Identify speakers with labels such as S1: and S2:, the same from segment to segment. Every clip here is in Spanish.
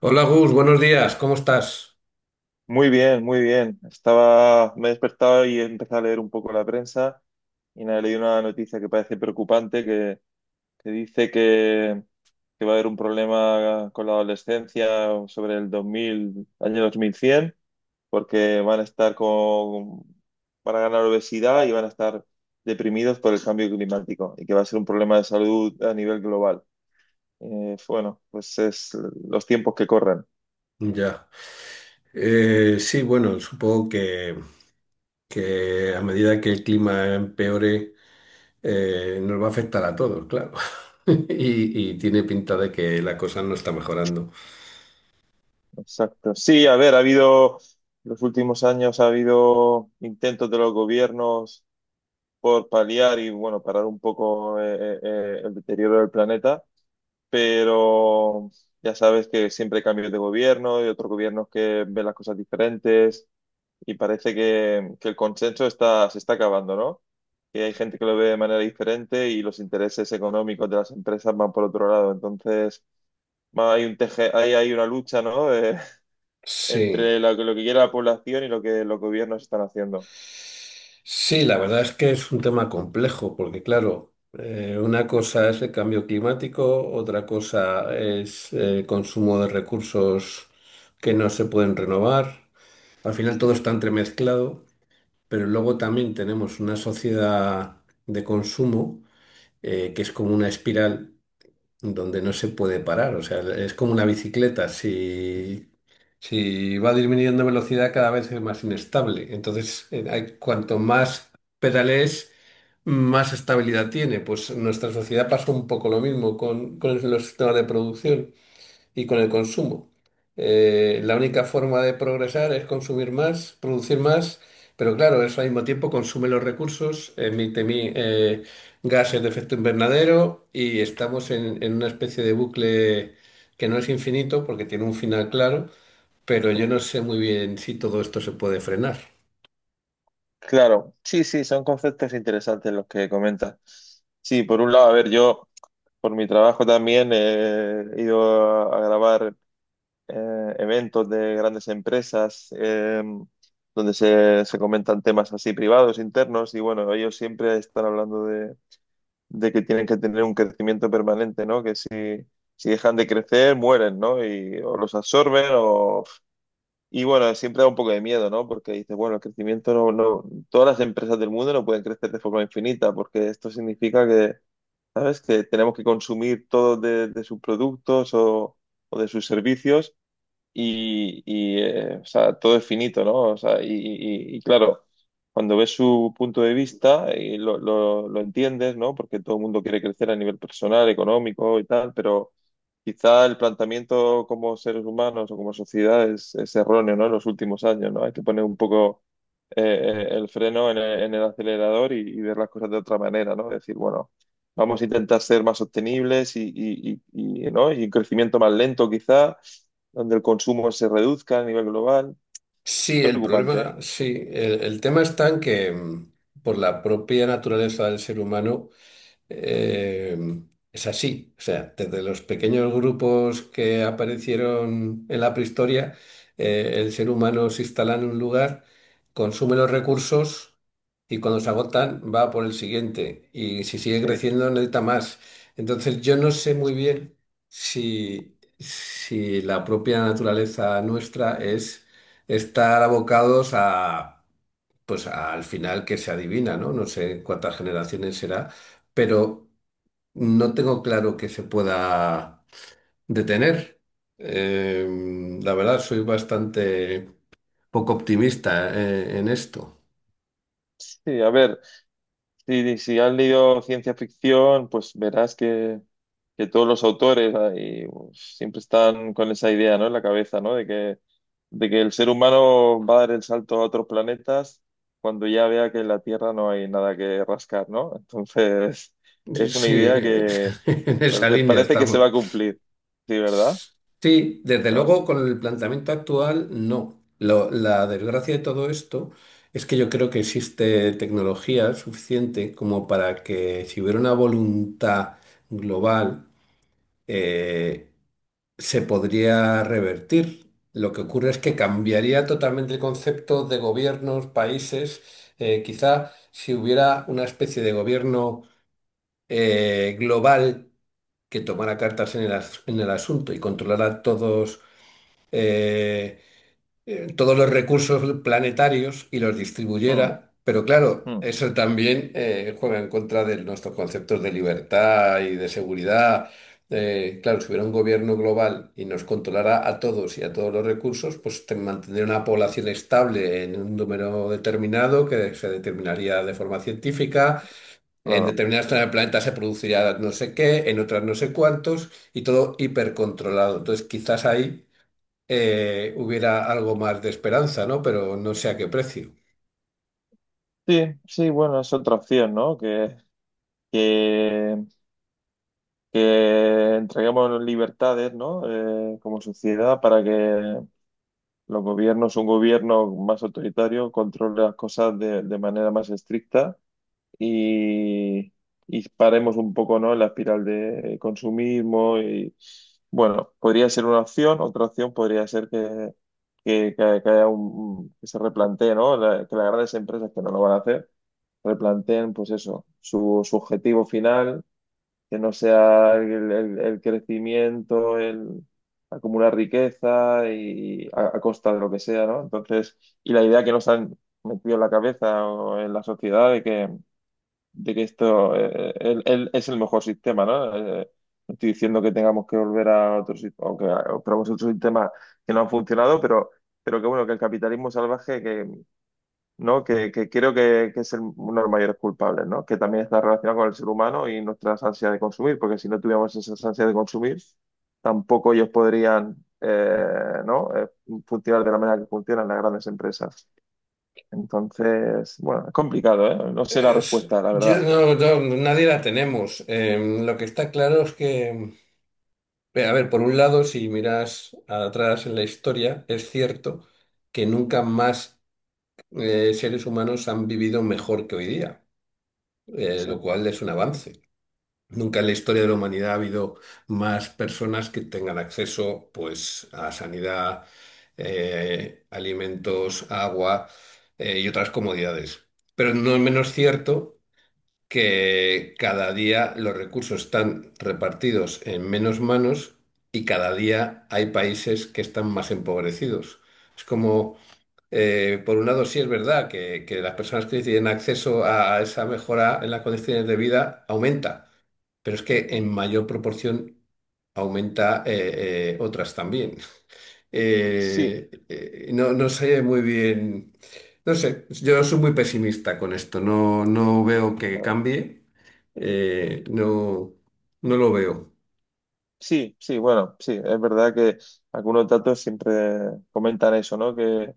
S1: Hola Gus, buenos días, ¿cómo estás?
S2: Muy bien, muy bien. Me he despertado y he empezado a leer un poco la prensa y nada, he leído una noticia que parece preocupante que dice que va a haber un problema con la adolescencia sobre el 2000, año 2100, porque van a ganar obesidad y van a estar deprimidos por el cambio climático y que va a ser un problema de salud a nivel global. Bueno, pues es los tiempos que corren.
S1: Ya. Sí, bueno, supongo que a medida que el clima empeore, nos va a afectar a todos, claro. Y tiene pinta de que la cosa no está mejorando.
S2: Exacto. Sí, a ver, en los últimos años ha habido intentos de los gobiernos por paliar y, bueno, parar un poco el deterioro del planeta, pero ya sabes que siempre hay cambios de gobierno y otros gobiernos que ven las cosas diferentes y parece que el consenso está, se está acabando, ¿no? Que hay gente que lo ve de manera diferente y los intereses económicos de las empresas van por otro lado. Entonces, ma- hay un teje, hay una lucha, ¿no?,
S1: Sí,
S2: entre lo que quiere la población y lo que los gobiernos están haciendo.
S1: sí, la verdad es que es un tema complejo, porque claro, una cosa es el cambio climático, otra cosa es el consumo de recursos que no se pueden renovar. Al final todo está entremezclado. Pero luego también tenemos una sociedad de consumo, que es como una espiral donde no se puede parar, o sea, es como una bicicleta, si, si va disminuyendo velocidad cada vez es más inestable, entonces cuanto más pedales, más estabilidad tiene, pues nuestra sociedad pasa un poco lo mismo con los sistemas de producción y con el consumo. La única forma de progresar es consumir más, producir más, pero claro, eso al mismo tiempo consume los recursos, emite gases de efecto invernadero y estamos en una especie de bucle que no es infinito porque tiene un final claro, pero yo no
S2: Mm.
S1: sé muy bien si todo esto se puede frenar.
S2: Claro, sí, sí, son conceptos interesantes los que comentas. Sí, por un lado, a ver, yo, por mi trabajo también, he ido a grabar eventos de grandes empresas, donde se comentan temas así privados, internos. Y bueno, ellos siempre están hablando de que tienen que tener un crecimiento permanente, ¿no? Que si dejan de crecer, mueren, ¿no? Y o los absorben o... Y bueno, siempre da un poco de miedo, ¿no? Porque dices, bueno, el crecimiento no, no, todas las empresas del mundo no pueden crecer de forma infinita, porque esto significa que, ¿sabes?, que tenemos que consumir todo de sus productos, o de sus servicios, o sea, todo es finito, ¿no? O sea, y, claro, cuando ves su punto de vista y lo entiendes, ¿no? Porque todo el mundo quiere crecer a nivel personal, económico y tal, pero quizá el planteamiento como seres humanos o como sociedad es erróneo, ¿no? En los últimos años, ¿no?, hay que poner un poco el freno en el acelerador, y ver las cosas de otra manera, ¿no? Decir, bueno, vamos a intentar ser más sostenibles ¿no? Y un crecimiento más lento, quizá donde el consumo se reduzca a nivel global. Es
S1: Sí, el
S2: preocupante,
S1: problema,
S2: ¿eh?
S1: sí, el tema está en que por la propia naturaleza del ser humano. Eh, es así, o sea, desde los pequeños grupos que aparecieron en la prehistoria, el ser humano se instala en un lugar, consume los recursos y cuando se agotan va por el siguiente y si sigue
S2: Sí,
S1: creciendo necesita más. Entonces yo no sé muy bien si la propia naturaleza nuestra es estar abocados a... Pues al final que se adivina, ¿no? No sé cuántas generaciones será, pero no tengo claro que se pueda detener. La verdad, soy bastante poco optimista, en esto.
S2: sí, a ver, si has leído ciencia ficción, pues verás que todos los autores ahí, pues, siempre están con esa idea, ¿no?, en la cabeza, ¿no? De que el ser humano va a dar el salto a otros planetas cuando ya vea que en la Tierra no hay nada que rascar, ¿no? Entonces, es una
S1: Sí,
S2: idea que
S1: en esa línea
S2: parece que se va
S1: estamos.
S2: a cumplir, ¿sí, verdad?
S1: Sí, desde luego con el planteamiento actual, no. La desgracia de todo esto es que yo creo que existe tecnología suficiente como para que si hubiera una voluntad global, eh, se podría revertir. Lo que ocurre es que cambiaría totalmente el concepto de gobiernos, países. Quizá si hubiera una especie de gobierno, global, que tomara cartas en en el asunto y controlara todos eh, todos los recursos planetarios y los
S2: Mm,
S1: distribuyera. Pero claro,
S2: mm,
S1: eso también juega en contra de nuestros conceptos de libertad y de seguridad. Claro, si hubiera un gobierno global y nos controlara a todos y a todos los recursos, pues mantendría una población estable en un número determinado que se determinaría de forma científica. En
S2: claro.
S1: determinadas zonas del planeta se produciría no sé qué, en otras no sé cuántos, y todo hipercontrolado. Entonces, quizás ahí hubiera algo más de esperanza, ¿no? Pero no sé a qué precio.
S2: Sí, sí, bueno, es otra opción, ¿no? Que, que entreguemos libertades, ¿no? Como sociedad, para que los gobiernos, un gobierno más autoritario, controle las cosas de manera más estricta, y, y paremos un poco, ¿no?, la espiral de consumismo. Y bueno, podría ser una opción. Otra opción podría ser que haya un, que se replantee, ¿no? Que las grandes empresas, que no lo van a hacer, replanteen, pues eso, su objetivo final, que no sea el crecimiento, el acumular riqueza, y a costa de lo que sea, ¿no? Entonces, y la idea que nos han metido en la cabeza o en la sociedad de que esto, es el mejor sistema, ¿no? Eh, no estoy diciendo que tengamos que volver a otro sistema, o o probemos otros sistemas que no han funcionado, pero, que bueno, que el capitalismo salvaje, que, ¿no? Que creo que es uno de los mayores culpables, ¿no? Que también está relacionado con el ser humano y nuestras ansias de consumir, porque si no tuviéramos esas ansias de consumir, tampoco ellos podrían, ¿no? Funcionar de la manera que funcionan las grandes empresas. Entonces, bueno, es complicado, ¿eh? No sé la respuesta, la
S1: Yo
S2: verdad.
S1: no, nadie la tenemos. Lo que está claro es que, a ver, por un lado, si miras atrás en la historia, es cierto que nunca más seres humanos han vivido mejor que hoy día, lo
S2: Sí.
S1: cual es un avance. Nunca en la historia de la humanidad ha habido más personas que tengan acceso, pues, a sanidad, alimentos, agua, y otras comodidades. Pero no es menos cierto que cada día los recursos están repartidos en menos manos y cada día hay países que están más empobrecidos. Es como por un lado, sí es verdad que las personas que tienen acceso a esa mejora en las condiciones de vida aumenta, pero es que en mayor proporción aumenta otras también.
S2: Sí,
S1: No, no sé muy bien, no sé, yo soy muy pesimista con esto, no, no veo que
S2: claro.
S1: cambie, no, no lo veo.
S2: Sí, sí, bueno, sí, es verdad que algunos datos siempre comentan eso, ¿no?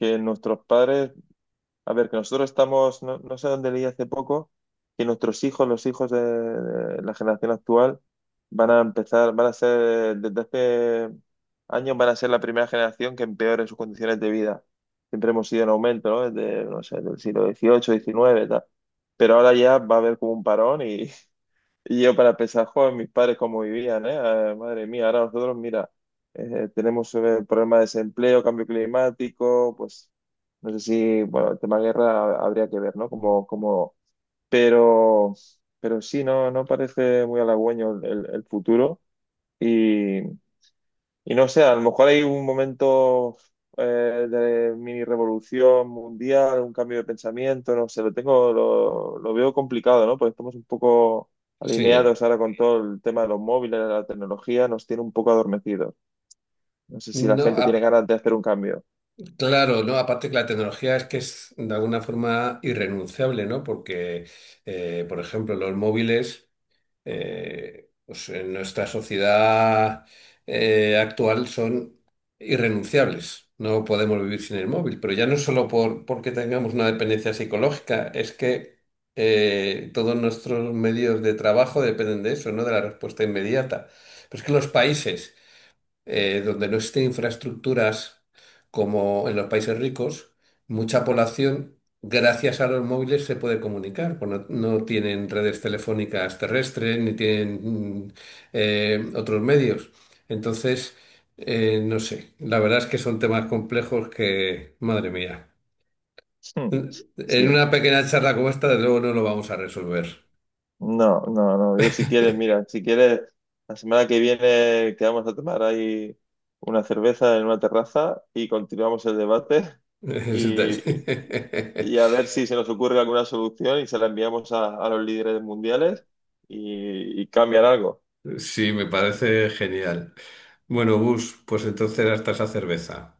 S2: Que nuestros padres, a ver, que nosotros estamos, no, no sé dónde leí hace poco, que nuestros hijos, los hijos de la generación actual, van a empezar, van a ser, desde hace años van a ser la primera generación que empeore sus condiciones de vida. Siempre hemos ido en aumento, ¿no? Desde, no sé, del siglo dieciocho, diecinueve, tal. Pero ahora ya va a haber como un parón. Y yo para pensar, joder, mis padres cómo vivían, ¿eh? Ah, madre mía, ahora nosotros, mira, tenemos problemas de desempleo, cambio climático, pues no sé si, bueno, el tema guerra habría que ver, ¿no?, como, como, pero, pero, sí, no, no parece muy halagüeño el futuro. Y no sé, a lo mejor hay un momento, eh, de mini revolución mundial, un cambio de pensamiento, no sé, lo veo complicado, ¿no? Porque estamos un poco
S1: Sí,
S2: alineados ahora con todo el tema de los móviles, de la tecnología, nos tiene un poco adormecidos. No sé si la
S1: no,
S2: gente tiene
S1: a-
S2: ganas de hacer un cambio.
S1: Claro, ¿no? Aparte que la tecnología es que es de alguna forma irrenunciable, ¿no? Porque, por ejemplo, los móviles, pues en nuestra sociedad actual son irrenunciables. No podemos vivir sin el móvil. Pero ya no solo porque tengamos una dependencia psicológica, es que todos nuestros medios de trabajo dependen de eso, ¿no? De la respuesta inmediata. Pero es que los países donde no existen infraestructuras como en los países ricos, mucha población, gracias a los móviles, se puede comunicar. Pues no, no tienen redes telefónicas terrestres ni tienen otros medios. Entonces, no sé, la verdad es que son temas complejos que, madre mía,
S2: Hmm,
S1: en
S2: sí.
S1: una pequeña charla como esta, de luego no lo vamos a resolver.
S2: No, no, no. Yo, si quieres, mira, si quieres, la semana que viene quedamos a tomar ahí una cerveza en una terraza y continuamos el debate y, y a ver si se nos ocurre alguna solución, y se la enviamos a los líderes mundiales, y cambian algo.
S1: Sí, me parece genial. Bueno, Gus, pues entonces hasta esa cerveza.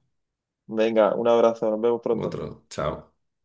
S2: Venga, un abrazo, nos vemos pronto.
S1: Otro, chao.